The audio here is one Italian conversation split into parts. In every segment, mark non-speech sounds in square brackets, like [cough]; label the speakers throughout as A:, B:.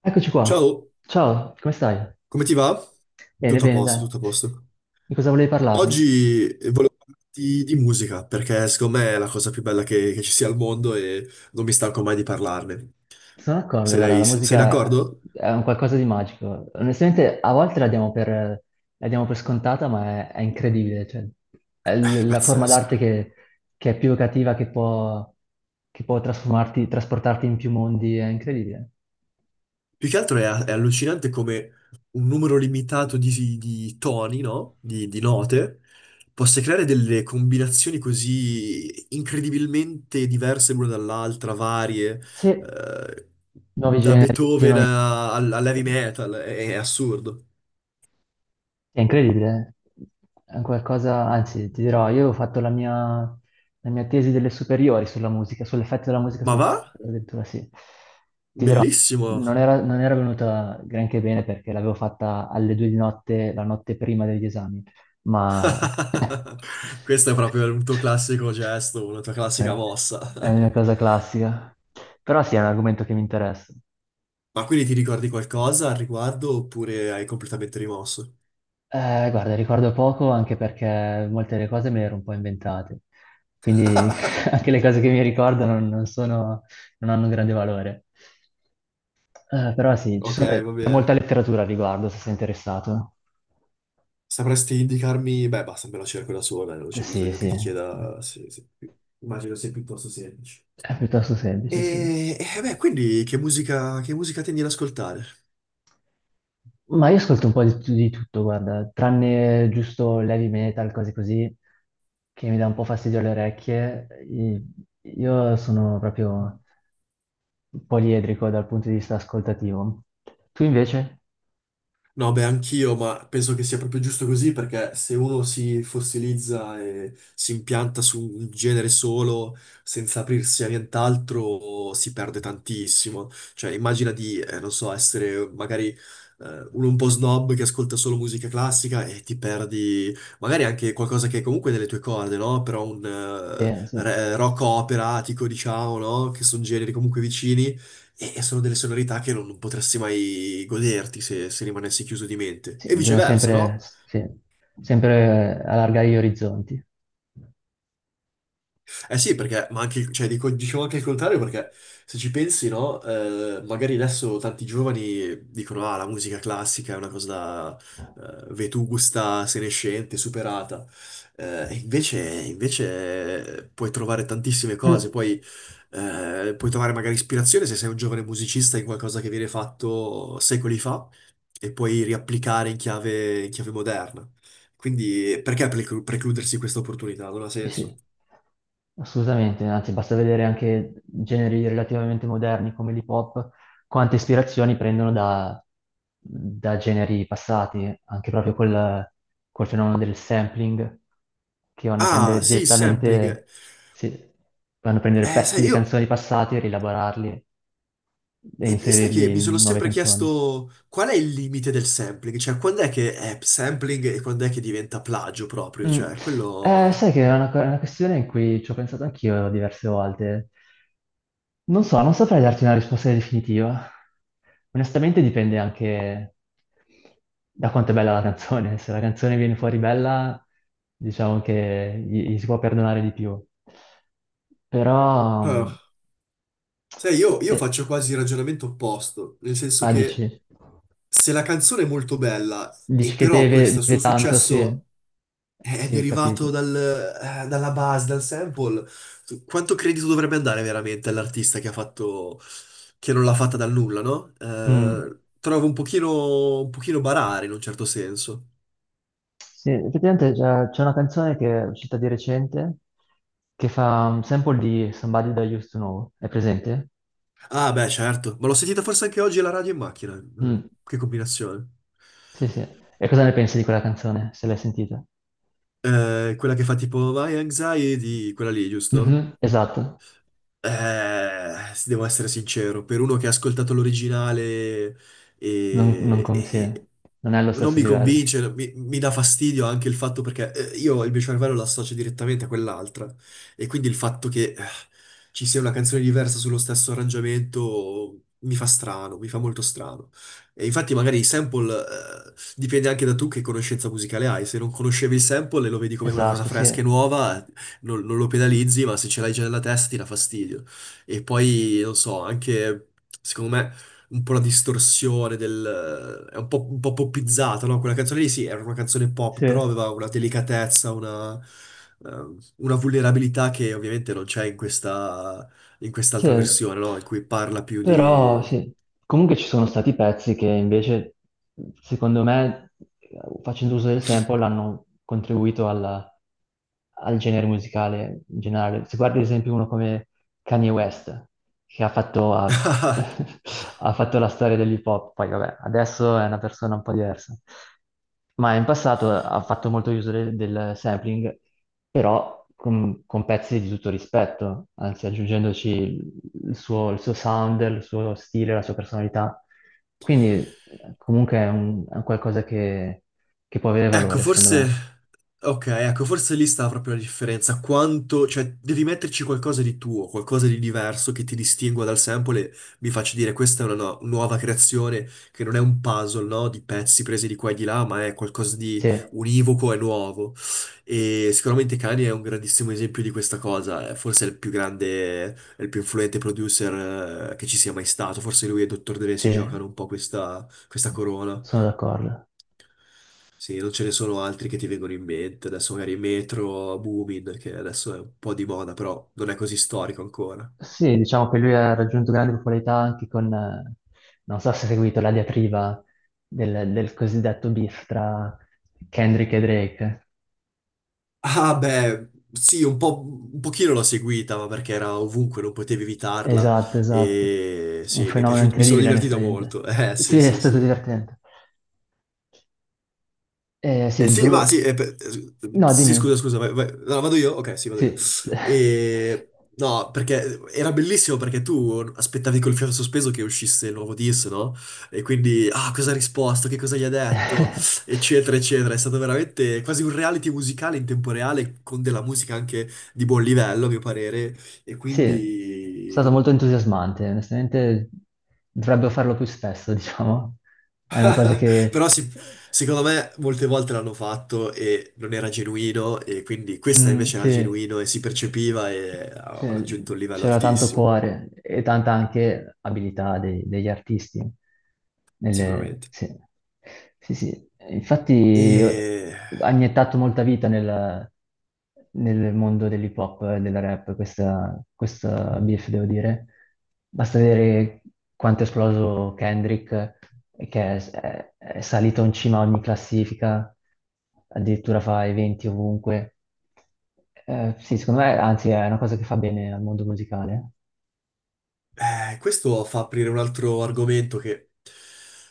A: Eccoci qua.
B: Ciao,
A: Ciao, come stai?
B: come ti va?
A: Bene,
B: Tutto a
A: bene,
B: posto,
A: dai.
B: tutto a posto.
A: Di cosa volevi parlarmi?
B: Oggi volevo parlarti di musica perché secondo me è la cosa più bella che ci sia al mondo e non mi stanco mai di parlarne.
A: Sono d'accordo, guarda,
B: Sei,
A: la
B: sei
A: musica
B: d'accordo?
A: è un qualcosa di magico. Onestamente, a volte la diamo per scontata, ma è incredibile. Cioè, è la forma
B: Pazzesco.
A: d'arte che è più evocativa, che può trasformarti, trasportarti in più mondi, è incredibile.
B: Più che altro è allucinante come un numero limitato di toni, no? Di note, possa creare delle combinazioni così incredibilmente diverse l'una dall'altra, varie,
A: Sì,
B: eh,
A: nuovi
B: da
A: generi, sì,
B: Beethoven
A: noi-
B: al, all'heavy metal, è assurdo.
A: È incredibile, è un qualcosa, anzi ti dirò, io ho fatto la mia tesi delle superiori sulla musica, sull'effetto della musica
B: Ma
A: sul
B: va?
A: cervello, addirittura sì. Ti dirò,
B: Bellissimo!
A: non era venuta granché bene perché l'avevo fatta alle 2 di notte, la notte prima degli esami, ma [laughs]
B: [laughs] Questo è proprio un tuo classico gesto, una tua classica
A: è
B: mossa.
A: è una cosa
B: [laughs]
A: classica. Però sì, è un argomento che mi interessa.
B: Ma quindi ti ricordi qualcosa al riguardo oppure hai completamente rimosso?
A: Guarda, ricordo poco anche perché molte delle cose me le ero un po' inventate, quindi [laughs] anche le cose che mi ricordo non sono, non hanno un grande valore. Però sì,
B: Ok,
A: vabbè,
B: va
A: c'è molta
B: bene.
A: letteratura al riguardo, se sei interessato.
B: Sapresti indicarmi? Beh, basta, me la cerco da sola, non c'è
A: Sì,
B: bisogno che
A: sì,
B: ti chieda. Immagino sia piuttosto semplice.
A: è piuttosto semplice, sì.
B: Beh, quindi che musica tendi ad ascoltare?
A: Ma io ascolto un po' di tutto, guarda, tranne giusto l'heavy metal, cose così, che mi dà un po' fastidio alle orecchie. Io sono proprio poliedrico dal punto di vista ascoltativo. Tu invece?
B: No, beh, anch'io, ma penso che sia proprio giusto così perché se uno si fossilizza e si impianta su un genere solo senza aprirsi a nient'altro si perde tantissimo. Cioè, immagina di, non so, essere magari uno un po' snob che ascolta solo musica classica e ti perdi magari anche qualcosa che è comunque nelle tue corde, no? Però un
A: Sì, sì.
B: rock operatico, diciamo, no? Che sono generi comunque vicini e sono delle sonorità che non potresti mai goderti se rimanessi chiuso di mente.
A: Sì,
B: E
A: bisogna
B: viceversa,
A: sempre,
B: no?
A: sì, sempre allargare gli orizzonti.
B: Eh sì, perché, ma anche, cioè, dicevo anche il contrario, perché se ci pensi, no, magari adesso tanti giovani dicono, ah, la musica classica è una cosa vetusta, senescente, superata. E invece puoi trovare tantissime cose,
A: Mm.
B: poi, puoi trovare magari ispirazione se sei un giovane musicista in qualcosa che viene fatto secoli fa e puoi riapplicare in chiave moderna. Quindi perché precludersi questa opportunità? Non ha
A: Sì,
B: senso.
A: sì, assolutamente, anzi basta vedere anche generi relativamente moderni come l'hip hop, quante ispirazioni prendono da generi passati, anche proprio col fenomeno del sampling, che vanno a
B: Ah,
A: prendere
B: sì, il sampling.
A: direttamente, sì, vanno a prendere
B: Eh,
A: pezzi
B: sai,
A: di
B: io,
A: canzoni passate e rielaborarli e
B: e sai che
A: inserirli
B: mi sono
A: in nuove
B: sempre
A: canzoni.
B: chiesto qual è il limite del sampling? Cioè, quando è che è sampling e quando è che diventa plagio proprio?
A: Mm.
B: Cioè, quello...
A: Sai che è una questione in cui ci ho pensato anch'io diverse volte. Non so, non saprei darti una risposta definitiva. Onestamente dipende anche da quanto è bella la canzone. Se la canzone viene fuori bella, diciamo che gli si può perdonare di più. Però,
B: Ah. Sai, io
A: sì,
B: faccio quasi il ragionamento opposto, nel senso
A: ah,
B: che
A: dici,
B: se la canzone è molto bella e
A: dici che
B: però
A: deve,
B: questo
A: deve
B: suo
A: tanto, sì,
B: successo è
A: sì,
B: derivato
A: capito.
B: dalla base, dal sample. Quanto credito dovrebbe andare veramente all'artista che ha fatto, che non l'ha fatta dal nulla, no?
A: Mm.
B: Trovo un pochino barare in un certo senso.
A: Sì, effettivamente c'è una canzone che è uscita di recente che fa un sample di Somebody That I Used to Know. È presente?
B: Ah, beh, certo, ma l'ho sentita forse anche oggi alla radio in macchina. Mm.
A: Mm.
B: Che combinazione.
A: Sì, sì. E cosa ne pensi di quella canzone, se l'hai sentita?
B: Quella che fa tipo My Anxiety, quella lì, giusto?
A: Mhm, esatto.
B: Se devo essere sincero, per uno che ha ascoltato l'originale
A: Non, non,
B: e, e-
A: sì,
B: e
A: non è allo
B: non
A: stesso
B: mi
A: livello.
B: convince, mi dà fastidio anche il fatto perché io il mio cervello lo associo direttamente a quell'altra e quindi il fatto che ci sia una canzone diversa sullo stesso arrangiamento mi fa strano, mi fa molto strano. E infatti magari il sample dipende anche da tu che conoscenza musicale hai, se non conoscevi il sample e lo vedi come una cosa
A: Esatto,
B: fresca e
A: sì.
B: nuova, non lo penalizzi, ma se ce l'hai già nella testa ti dà fastidio. E poi, non so, anche secondo me un po' la distorsione del... è un po' poppizzata, no? Quella canzone lì sì, era una canzone pop,
A: Sì.
B: però aveva una delicatezza, una vulnerabilità che ovviamente non c'è in questa, in
A: Sì,
B: quest'altra versione, no? In cui parla più
A: però
B: di...
A: sì, comunque ci sono stati pezzi che invece, secondo me, facendo uso del sample, hanno contribuito al genere musicale in generale. Se guardi ad esempio uno come Kanye West, che ha fatto,
B: [laughs]
A: [laughs] ha fatto la storia dell'hip hop, poi vabbè, adesso è una persona un po' diversa ma in passato ha fatto molto uso del sampling, però con pezzi di tutto rispetto, anzi aggiungendoci il suo sound, il suo stile, la sua personalità. Quindi comunque è un qualcosa che può avere
B: Ecco,
A: valore, secondo me.
B: forse... Ok, ecco, forse lì sta proprio la differenza. Quanto... Cioè, devi metterci qualcosa di tuo, qualcosa di diverso che ti distingua dal sample e mi faccia dire questa è una nuova creazione che non è un puzzle, no? Di pezzi presi di qua e di là, ma è qualcosa di
A: Sì,
B: univoco e nuovo. E sicuramente Kanye è un grandissimo esempio di questa cosa. È forse il più grande, è il più influente producer che ci sia mai stato. Forse lui e Dr. Dre si
A: sì,
B: giocano un po' questa corona.
A: sono d'accordo.
B: Sì, non ce ne sono altri che ti vengono in mente. Adesso magari Metro, Boomin, che adesso è un po' di moda, però non è così storico ancora.
A: Sì, diciamo che lui ha raggiunto grande popolarità anche con, non so se hai seguito la diatriba del cosiddetto beef tra Kendrick e Drake.
B: Ah, beh, sì, un po', un pochino l'ho seguita, ma perché era ovunque, non potevi evitarla.
A: Esatto, esatto.
B: E
A: Un
B: sì, mi è
A: fenomeno
B: piaciuto, mi sono
A: incredibile,
B: divertito
A: onestamente.
B: molto. [laughs]
A: Sì,
B: Sì,
A: è
B: sì,
A: stato
B: sì.
A: divertente. Sì,
B: Eh
A: il
B: sì, va, sì,
A: Bru-
B: eh, per- eh,
A: No,
B: sì, scusa,
A: dimmi.
B: scusa, vai. No, vado io? Ok, sì, vado io.
A: Sì.
B: E... No, perché era bellissimo perché tu aspettavi col fiato sospeso che uscisse il nuovo disco, no? E quindi, ah, cosa ha risposto, che cosa gli ha detto,
A: [laughs]
B: eccetera, eccetera. È stato veramente quasi un reality musicale in tempo reale con della musica anche di buon livello, a mio parere. E
A: Sì, è stato molto
B: quindi...
A: entusiasmante. Onestamente, dovrebbero farlo più spesso, [laughs] diciamo. È una cosa
B: [laughs]
A: che...
B: Però sì, secondo me molte volte l'hanno fatto e non era genuino e quindi questa
A: Mm,
B: invece era
A: sì,
B: genuino e si percepiva e aveva
A: c'è-
B: raggiunto un livello
A: c'era tanto
B: altissimo,
A: cuore e tanta anche abilità degli artisti.
B: sicuramente.
A: Sì. Sì, sì. Infatti
B: E
A: ha iniettato molta vita nel mondo dell'hip hop e del rap, questa, beef, devo dire. Basta vedere quanto è esploso Kendrick, che è salito in cima a ogni classifica addirittura fa eventi ovunque. Sì, secondo me, anzi, è una cosa che fa bene al mondo musicale.
B: questo fa aprire un altro argomento che,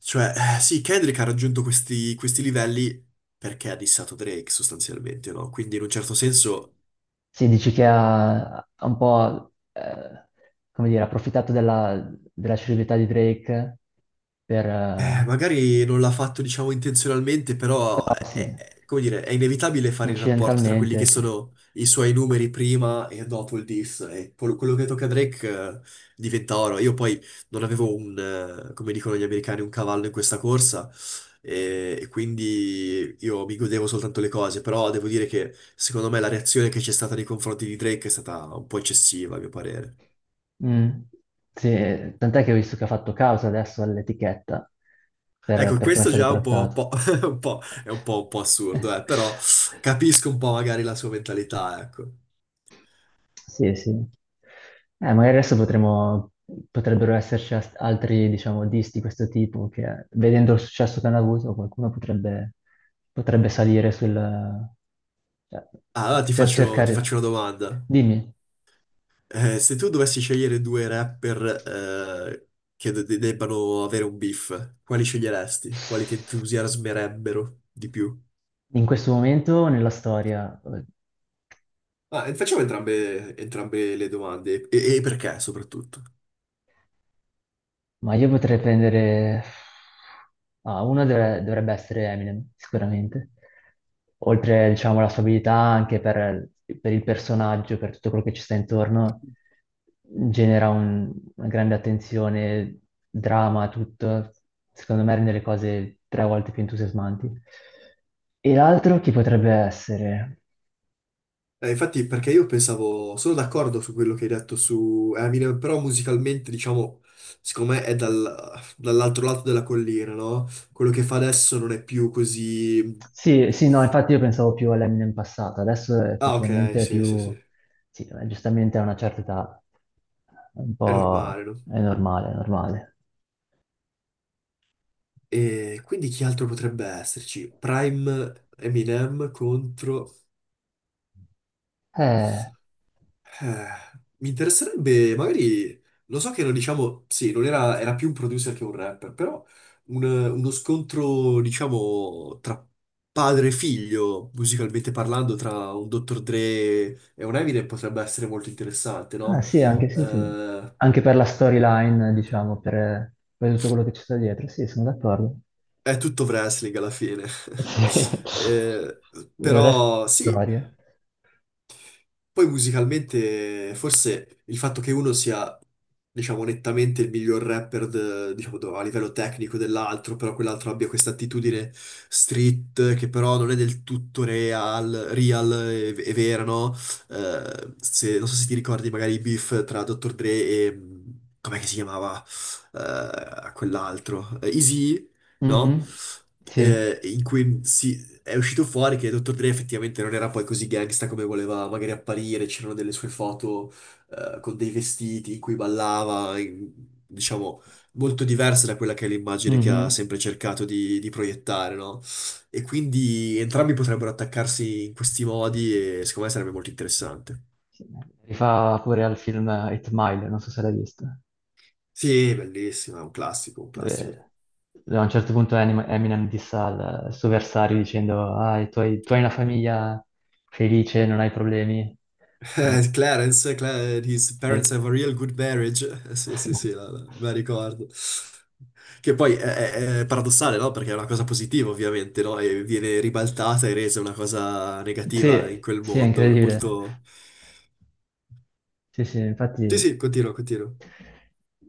B: cioè, sì, Kendrick ha raggiunto questi, questi livelli perché ha dissato Drake sostanzialmente, no? Quindi in un certo senso
A: Sì, dici che ha un po', come dire, approfittato della celebrità di Drake per,
B: eh, magari non l'ha fatto, diciamo, intenzionalmente,
A: però sì,
B: è- come dire, è inevitabile fare il rapporto tra quelli che
A: incidentalmente, sì.
B: sono i suoi numeri prima e dopo il diss. E quello quello che tocca a Drake, diventa oro. Io poi non avevo come dicono gli americani, un cavallo in questa corsa, e quindi io mi godevo soltanto le cose, però devo dire che secondo me la reazione che c'è stata nei confronti di Drake è stata un po' eccessiva, a mio parere.
A: Mm, sì, tant'è che ho visto che ha fatto causa adesso all'etichetta per,
B: Ecco,
A: per come è
B: questo
A: stato
B: già è un
A: trattato.
B: po', [laughs] è un po' assurdo, però
A: [laughs]
B: capisco un po' magari la sua mentalità, ecco.
A: Sì, sì. Magari adesso potremmo, potrebbero esserci altri, diciamo, disti di questo tipo che, vedendo il successo che hanno avuto, qualcuno potrebbe salire sul... cioè,
B: Ah, allora ti
A: cercare...
B: faccio una domanda.
A: Dimmi,
B: Se tu dovessi scegliere due rapper eh, che debbano avere un beef, quali sceglieresti? Quali ti entusiasmerebbero di più?
A: in questo momento nella storia?
B: Ah, e facciamo entrambe, entrambe le domande e perché soprattutto.
A: Ma io potrei prendere... Ah, uno dovrebbe essere Eminem, sicuramente. Oltre, diciamo, alla sua abilità anche per il personaggio, per tutto quello che ci sta intorno, genera una grande attenzione, drama, tutto. Secondo me rende le cose tre volte più entusiasmanti. E l'altro chi potrebbe essere?
B: Infatti, perché io pensavo, sono d'accordo su quello che hai detto su Eminem, però musicalmente, diciamo, secondo me è dall'altro lato della collina, no? Quello che fa adesso non è più così...
A: Sì, sì, no, infatti io pensavo più all'Eminem passato, adesso
B: Ah, ok,
A: effettivamente è
B: sì, sì,
A: più...
B: sì,
A: Sì, giustamente a una certa età. È un
B: è normale,
A: po'...
B: no?
A: è normale, è normale.
B: E quindi chi altro potrebbe esserci? Prime Eminem contro...
A: Eh,
B: Eh, mi interesserebbe, magari, lo so che non diciamo, sì, non era, era più un producer che un rapper, però uno scontro, diciamo, tra padre e figlio, musicalmente parlando, tra un Dr. Dre e un Eminem potrebbe essere molto interessante,
A: ah,
B: no?
A: sì, anche sì, sì.
B: Eh,
A: Anche per la storyline, diciamo, per tutto quello che ci sta dietro, sì, sono d'accordo.
B: è tutto wrestling alla fine. [laughs]
A: Sì.
B: Eh,
A: Il resto
B: però
A: è
B: sì,
A: storia.
B: poi musicalmente, forse il fatto che uno sia, diciamo, nettamente il miglior rapper, diciamo, a livello tecnico dell'altro, però quell'altro abbia questa attitudine street, che però non è del tutto real, real e vera, no? Non so se ti ricordi magari i beef tra Dr. Dre e... com'è che si chiamava? Eh, quell'altro? Eazy-E, no?
A: Mhm. Sì.
B: In cui si è uscito fuori che Dr. Dre effettivamente non era poi così gangsta come voleva magari apparire, c'erano delle sue foto con dei vestiti in cui ballava, diciamo, molto diverse da quella che è l'immagine che ha
A: Mhm.
B: sempre cercato di proiettare, no? E quindi entrambi potrebbero attaccarsi in questi modi e secondo me sarebbe molto interessante.
A: Sì. Rifà pure al film Eight Mile, non so se l'hai visto,
B: Sì, bellissimo, è un classico, un classico.
A: dove, dove a un certo punto Eminem dissa al suo avversario dicendo ah, tu hai una famiglia felice, non hai problemi. Sì.
B: Clarence, Cla- his parents
A: Sì.
B: have a real good marriage. Sì, sì, sì,
A: [laughs]
B: me la ricordo. Che poi è, è paradossale, no? Perché è una cosa positiva, ovviamente, no? E viene ribaltata e resa una cosa negativa in
A: Sì,
B: quel
A: sì, è
B: mondo. È
A: incredibile.
B: molto...
A: Sì, sì,
B: Sì,
A: infatti...
B: sì, continuo, continuo.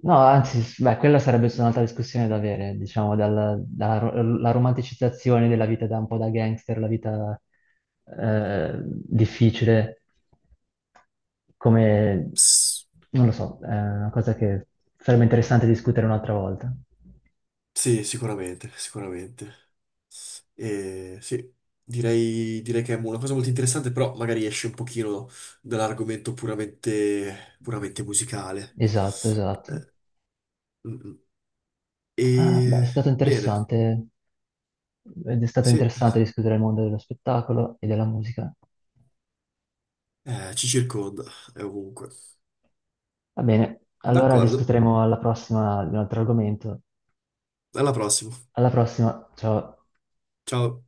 A: No, anzi, beh, quella sarebbe stata un'altra discussione da avere, diciamo, la romanticizzazione della vita da un po' da gangster, la vita difficile, come...
B: Pss.
A: non lo so, è una cosa che sarebbe interessante discutere un'altra volta.
B: Sì, sicuramente, sicuramente. E sì, direi, direi che è una cosa molto interessante, però magari esce un pochino dall'argomento puramente, puramente musicale.
A: Esatto, esatto.
B: Eh, mm, mm.
A: Ah, beh,
B: E
A: è stato
B: bene,
A: interessante. Ed è stato
B: sì,
A: interessante discutere il mondo dello spettacolo e della musica.
B: ci circonda, è ovunque.
A: Va bene, allora
B: D'accordo,
A: discuteremo alla prossima di un altro argomento.
B: alla prossima.
A: Alla prossima, ciao.
B: Ciao.